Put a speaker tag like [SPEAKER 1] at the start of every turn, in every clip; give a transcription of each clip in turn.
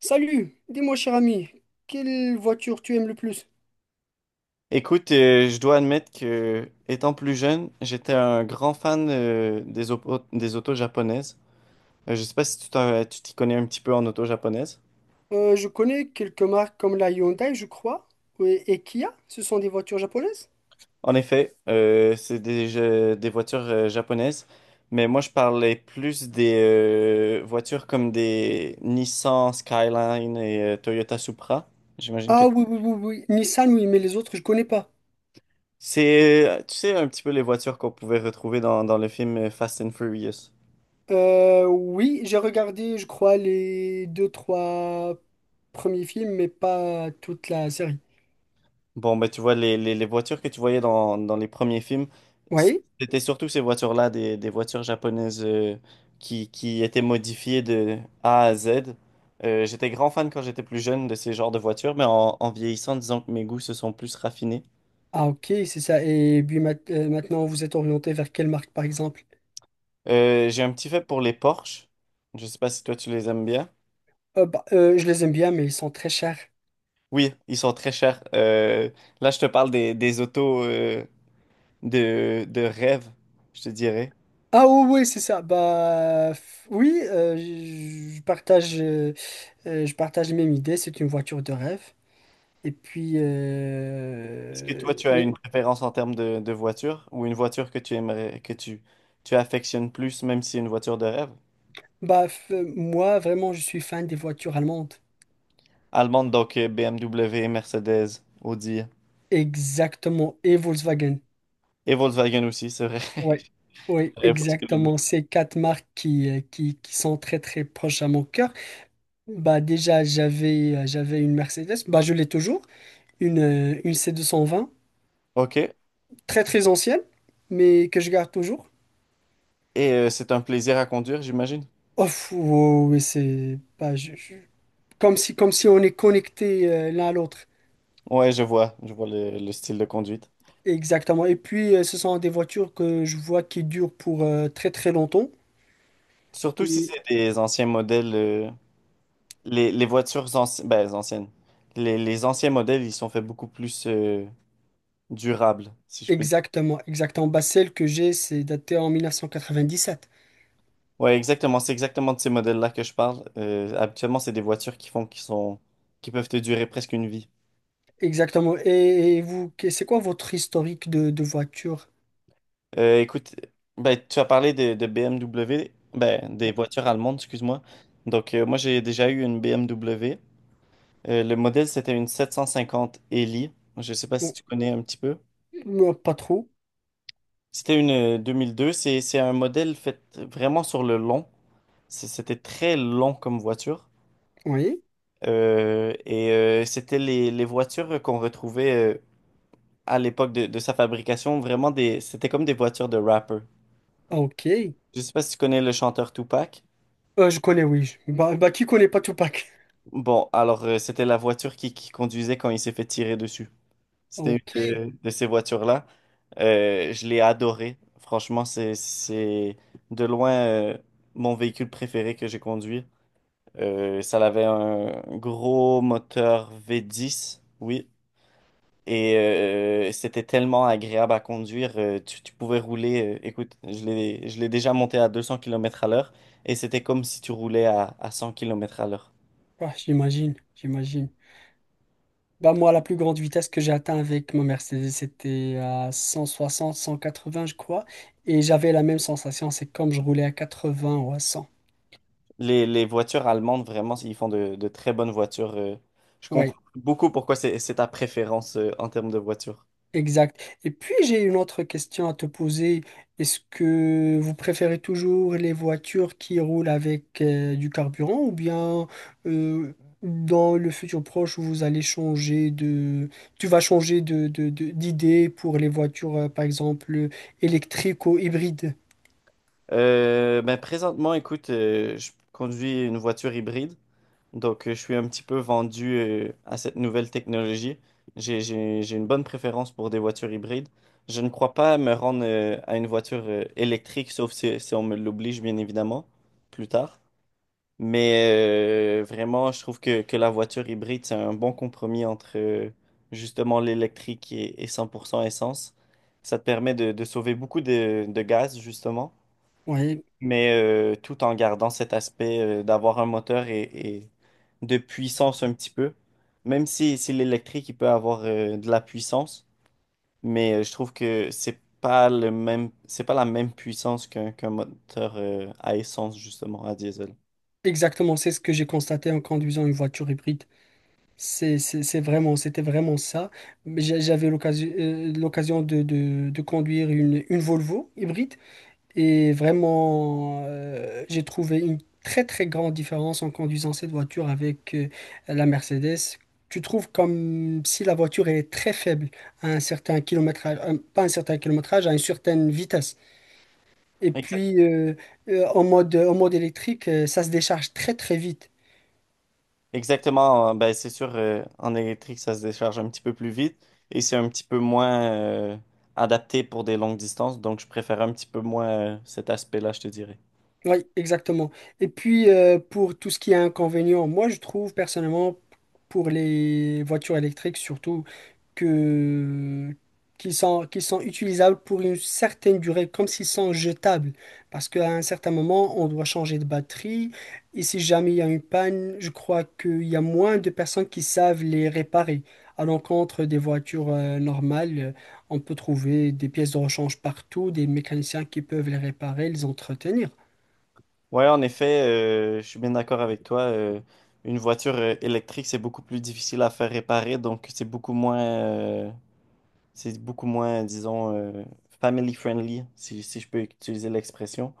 [SPEAKER 1] Salut, dis-moi cher ami, quelle voiture tu aimes le plus?
[SPEAKER 2] Écoute, je dois admettre que, étant plus jeune, j'étais un grand fan des autos japonaises. Je sais pas si tu t'y connais un petit peu en auto japonaise.
[SPEAKER 1] Je connais quelques marques comme la Hyundai, je crois, oui, et Kia, ce sont des voitures japonaises?
[SPEAKER 2] En effet, c'est des voitures japonaises, mais moi je parlais plus des voitures comme des Nissan Skyline et Toyota Supra. J'imagine que
[SPEAKER 1] Ah oui, oui, oui, oui, Nissan, oui, mais les autres, je connais pas.
[SPEAKER 2] c'est, tu sais, un petit peu les voitures qu'on pouvait retrouver dans, le film Fast and Furious.
[SPEAKER 1] Oui, j'ai regardé, je crois, les deux, trois premiers films, mais pas toute la série.
[SPEAKER 2] Bon, bah, tu vois, les voitures que tu voyais dans, les premiers films,
[SPEAKER 1] Oui?
[SPEAKER 2] c'était surtout ces voitures-là, des voitures japonaises qui, étaient modifiées de A à Z. J'étais grand fan quand j'étais plus jeune de ces genres de voitures, mais en, vieillissant, disons que mes goûts se sont plus raffinés.
[SPEAKER 1] Ah ok, c'est ça. Et puis maintenant, vous êtes orienté vers quelle marque, par exemple?
[SPEAKER 2] J'ai un petit fait pour les Porsche. Je sais pas si toi tu les aimes bien.
[SPEAKER 1] Je les aime bien, mais ils sont très chers.
[SPEAKER 2] Oui, ils sont très chers. Là, je te parle des, autos de, rêve, je te dirais.
[SPEAKER 1] Ah oui, oui, c'est ça. Oui, je partage, je partage les mêmes idées. C'est une voiture de rêve. Et puis
[SPEAKER 2] Est-ce que toi, tu as une préférence en termes de, voiture ou une voiture que tu aimerais, tu affectionnes plus, même si c'est une voiture de rêve?
[SPEAKER 1] moi vraiment, je suis fan des voitures allemandes.
[SPEAKER 2] Allemande, donc BMW, Mercedes, Audi
[SPEAKER 1] Exactement. Et Volkswagen.
[SPEAKER 2] et Volkswagen aussi, c'est vrai.
[SPEAKER 1] Ouais. Oui,
[SPEAKER 2] J'avais presque l'oublié.
[SPEAKER 1] exactement. Ces quatre marques qui sont très très proches à mon cœur. Bah déjà j'avais une Mercedes. Bah je l'ai toujours. Une c 220
[SPEAKER 2] Ok. Et
[SPEAKER 1] très très ancienne, mais que je garde toujours.
[SPEAKER 2] c'est un plaisir à conduire, j'imagine.
[SPEAKER 1] Oh, fou, oh, oui, c'est bah, comme si on est connecté l'un à l'autre.
[SPEAKER 2] Ouais, je vois le, style de conduite.
[SPEAKER 1] Exactement. Et puis, ce sont des voitures que je vois qui durent pour très très longtemps.
[SPEAKER 2] Surtout si
[SPEAKER 1] Et
[SPEAKER 2] c'est des anciens modèles, les, voitures anciennes. Les anciens modèles, ils sont faits beaucoup plus durables, si je peux
[SPEAKER 1] exactement, exactement. Bah, celle que j'ai, c'est datée en 1997.
[SPEAKER 2] Ouais, exactement. C'est exactement de ces modèles-là que je parle. Habituellement, c'est des voitures qui font, qui sont, qui peuvent te durer presque une vie.
[SPEAKER 1] Exactement. Et vous, c'est quoi votre historique de voiture?
[SPEAKER 2] Écoute, ben, tu as parlé de, BMW, ben, des
[SPEAKER 1] Bon,
[SPEAKER 2] voitures allemandes, excuse-moi. Donc, moi, j'ai déjà eu une BMW. Le modèle, c'était une 750 Eli. Je ne sais pas si
[SPEAKER 1] bon,
[SPEAKER 2] tu connais un petit peu.
[SPEAKER 1] moi, pas trop.
[SPEAKER 2] C'était une 2002. C'est un modèle fait vraiment sur le long. C'était très long comme voiture.
[SPEAKER 1] Oui.
[SPEAKER 2] Et c'était les, voitures qu'on retrouvait, à l'époque de, sa fabrication, vraiment c'était comme des voitures de rapper.
[SPEAKER 1] Ah, ok.
[SPEAKER 2] Je sais pas si tu connais le chanteur Tupac.
[SPEAKER 1] Je connais, oui. Bah, bah, qui connaît pas Tupac?
[SPEAKER 2] Bon, alors c'était la voiture qui, conduisait quand il s'est fait tirer dessus. C'était
[SPEAKER 1] Ok.
[SPEAKER 2] une de, ces voitures-là. Je l'ai adoré. Franchement, c'est de loin mon véhicule préféré que j'ai conduit. Ça avait un gros moteur V10, oui. Et c'était tellement agréable à conduire, tu, pouvais rouler. Écoute, je l'ai déjà monté à 200 km à l'heure. Et c'était comme si tu roulais à, 100 km à l'heure.
[SPEAKER 1] Bah, j'imagine, j'imagine. Bah moi, la plus grande vitesse que j'ai atteint avec ma Mercedes, c'était à 100 160 180 je crois. Et j'avais la même sensation, c'est comme je roulais à 80 ou à 100.
[SPEAKER 2] Les voitures allemandes, vraiment, ils font de, très bonnes voitures. Je
[SPEAKER 1] Oui,
[SPEAKER 2] comprends beaucoup pourquoi c'est ta préférence en termes de voiture.
[SPEAKER 1] exact. Et puis, j'ai une autre question à te poser. Est-ce que vous préférez toujours les voitures qui roulent avec du carburant ou bien euh, dans le futur proche, vous allez changer de... Tu vas changer de, d'idée pour les voitures, par exemple, électriques ou hybrides?
[SPEAKER 2] Ben, présentement, écoute, je conduis une voiture hybride. Donc, je suis un petit peu vendu à cette nouvelle technologie. J'ai une bonne préférence pour des voitures hybrides. Je ne crois pas me rendre à une voiture électrique, sauf si, on me l'oblige, bien évidemment, plus tard. Mais vraiment, je trouve que, la voiture hybride, c'est un bon compromis entre justement l'électrique et, 100% essence. Ça te permet de, sauver beaucoup de, gaz, justement
[SPEAKER 1] Oui.
[SPEAKER 2] mais tout en gardant cet aspect d'avoir un moteur et, de puissance un petit peu. Même si, l'électrique, il peut avoir de la puissance, mais je trouve que c'est pas le même, c'est pas la même puissance qu'un moteur à essence, justement, à diesel.
[SPEAKER 1] Exactement, c'est ce que j'ai constaté en conduisant une voiture hybride. C'est vraiment, c'était vraiment ça. Mais j'avais l'occasion, l'occasion de conduire une Volvo hybride et vraiment, j'ai trouvé une très très grande différence en conduisant cette voiture avec la Mercedes. Tu trouves comme si la voiture elle est très faible à un certain kilométrage, pas un certain kilométrage, à une certaine vitesse. Et
[SPEAKER 2] Exa-
[SPEAKER 1] puis en mode électrique, ça se décharge très très vite.
[SPEAKER 2] Exactement, ben c'est sûr, en électrique, ça se décharge un petit peu plus vite et c'est un petit peu moins adapté pour des longues distances, donc je préfère un petit peu moins cet aspect-là, je te dirais.
[SPEAKER 1] Oui, exactement. Et puis, pour tout ce qui est inconvénient, moi, je trouve personnellement, pour les voitures électriques surtout, que qu'ils sont utilisables pour une certaine durée, comme s'ils sont jetables. Parce qu'à un certain moment, on doit changer de batterie. Et si jamais il y a une panne, je crois qu'il y a moins de personnes qui savent les réparer. À l'encontre des voitures normales, on peut trouver des pièces de rechange partout, des mécaniciens qui peuvent les réparer, les entretenir.
[SPEAKER 2] Ouais, en effet, je suis bien d'accord avec toi. Une voiture électrique, c'est beaucoup plus difficile à faire réparer, donc c'est beaucoup moins, disons, family friendly, si, je peux utiliser l'expression.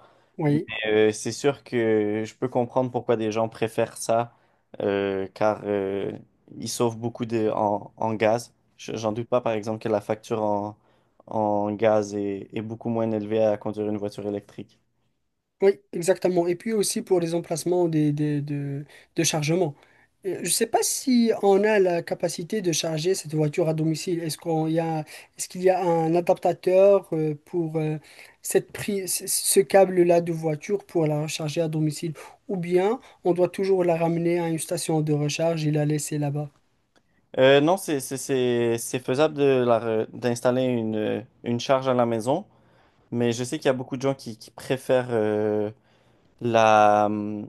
[SPEAKER 2] Mais
[SPEAKER 1] Oui.
[SPEAKER 2] c'est sûr que je peux comprendre pourquoi des gens préfèrent ça, car ils sauvent beaucoup en gaz. J'en doute pas, par exemple, que la facture en, gaz est, beaucoup moins élevée à conduire une voiture électrique.
[SPEAKER 1] Oui, exactement. Et puis aussi pour les emplacements des, de chargement. Je ne sais pas si on a la capacité de charger cette voiture à domicile. Est-ce qu'on y a, est-ce qu'il y a un adaptateur pour cette prise, ce câble-là de voiture pour la recharger à domicile? Ou bien on doit toujours la ramener à une station de recharge et la laisser là-bas?
[SPEAKER 2] Non, c'est faisable de d'installer une, charge à la maison, mais je sais qu'il y a beaucoup de gens qui, préfèrent la, hum,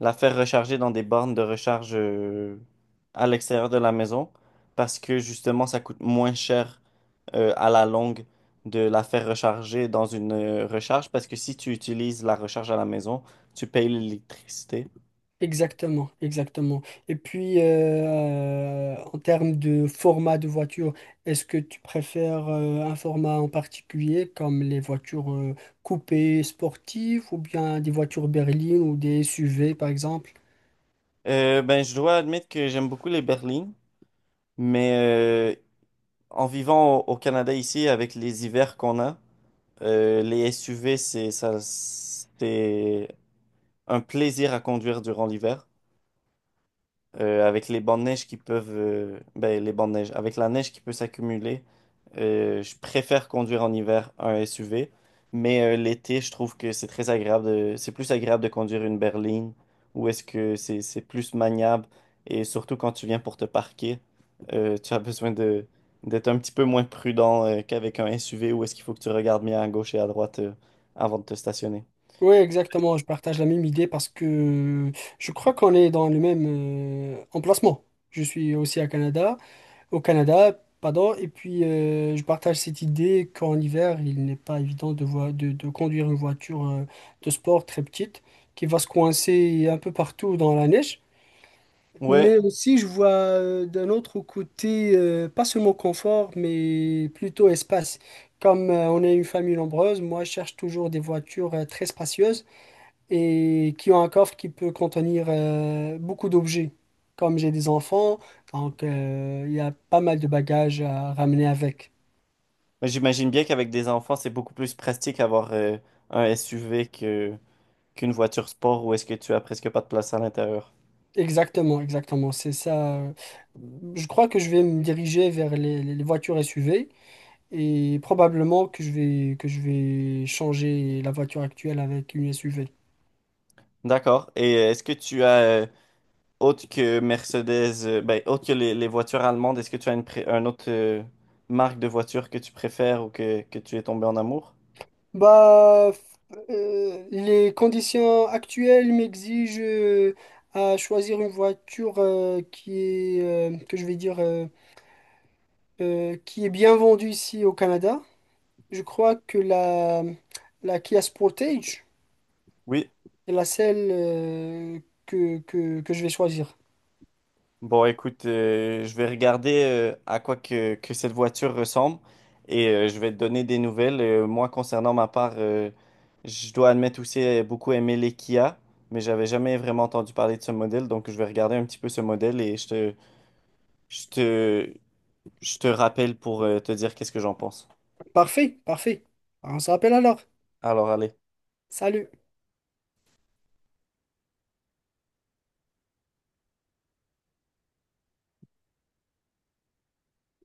[SPEAKER 2] la faire recharger dans des bornes de recharge à l'extérieur de la maison parce que justement, ça coûte moins cher à la longue de la faire recharger dans une recharge parce que si tu utilises la recharge à la maison, tu payes l'électricité.
[SPEAKER 1] Exactement, exactement. Et puis, en termes de format de voiture, est-ce que tu préfères un format en particulier comme les voitures coupées sportives ou bien des voitures berlines ou des SUV par exemple?
[SPEAKER 2] Ben, je dois admettre que j'aime beaucoup les berlines. Mais en vivant au, Canada ici, avec les hivers qu'on a, les SUV, c'est ça, c'est un plaisir à conduire durant l'hiver avec les bancs de neige avec la neige qui peut s'accumuler, je préfère conduire en hiver un SUV, mais l'été, je trouve que c'est très agréable de, c'est plus agréable de conduire une berline, où est-ce que c'est plus maniable, et surtout quand tu viens pour te parquer, tu as besoin de, d'être un petit peu moins prudent qu'avec un SUV, où est-ce qu'il faut que tu regardes bien à gauche et à droite avant de te stationner.
[SPEAKER 1] Oui, exactement, je partage la même idée parce que je crois qu'on est dans le même emplacement. Je suis aussi à Canada au Canada, pardon, et puis je partage cette idée qu'en hiver, il n'est pas évident de, de conduire une voiture de sport très petite qui va se coincer un peu partout dans la neige.
[SPEAKER 2] Ouais,
[SPEAKER 1] Mais aussi, je vois d'un autre côté, pas seulement confort, mais plutôt espace. Comme on est une famille nombreuse, moi, je cherche toujours des voitures très spacieuses et qui ont un coffre qui peut contenir beaucoup d'objets. Comme j'ai des enfants, donc il y a pas mal de bagages à ramener avec.
[SPEAKER 2] mais j'imagine bien qu'avec des enfants, c'est beaucoup plus pratique avoir un SUV que qu'une voiture sport où est-ce que tu as presque pas de place à l'intérieur.
[SPEAKER 1] Exactement, exactement, c'est ça. Je crois que je vais me diriger vers les, les voitures SUV et probablement que je vais changer la voiture actuelle avec une SUV.
[SPEAKER 2] D'accord. Et est-ce que tu as autre que Mercedes, ben, autre que les, voitures allemandes, est-ce que tu as un autre marque de voiture que tu préfères ou que, tu es tombé en amour?
[SPEAKER 1] Bah, f- les conditions actuelles m'exigent à choisir une voiture qui est, que je vais dire, qui est bien vendue ici au Canada. Je crois que la, la Kia Sportage
[SPEAKER 2] Oui.
[SPEAKER 1] est la celle que je vais choisir.
[SPEAKER 2] Bon, écoute, je vais regarder à quoi que, cette voiture ressemble et je vais te donner des nouvelles. Moi, concernant ma part, je dois admettre aussi beaucoup aimer les Kia, mais j'avais jamais vraiment entendu parler de ce modèle, donc je vais regarder un petit peu ce modèle et je te, je te rappelle pour te dire qu'est-ce que j'en pense.
[SPEAKER 1] Parfait, parfait. On se rappelle alors.
[SPEAKER 2] Alors, allez.
[SPEAKER 1] Salut.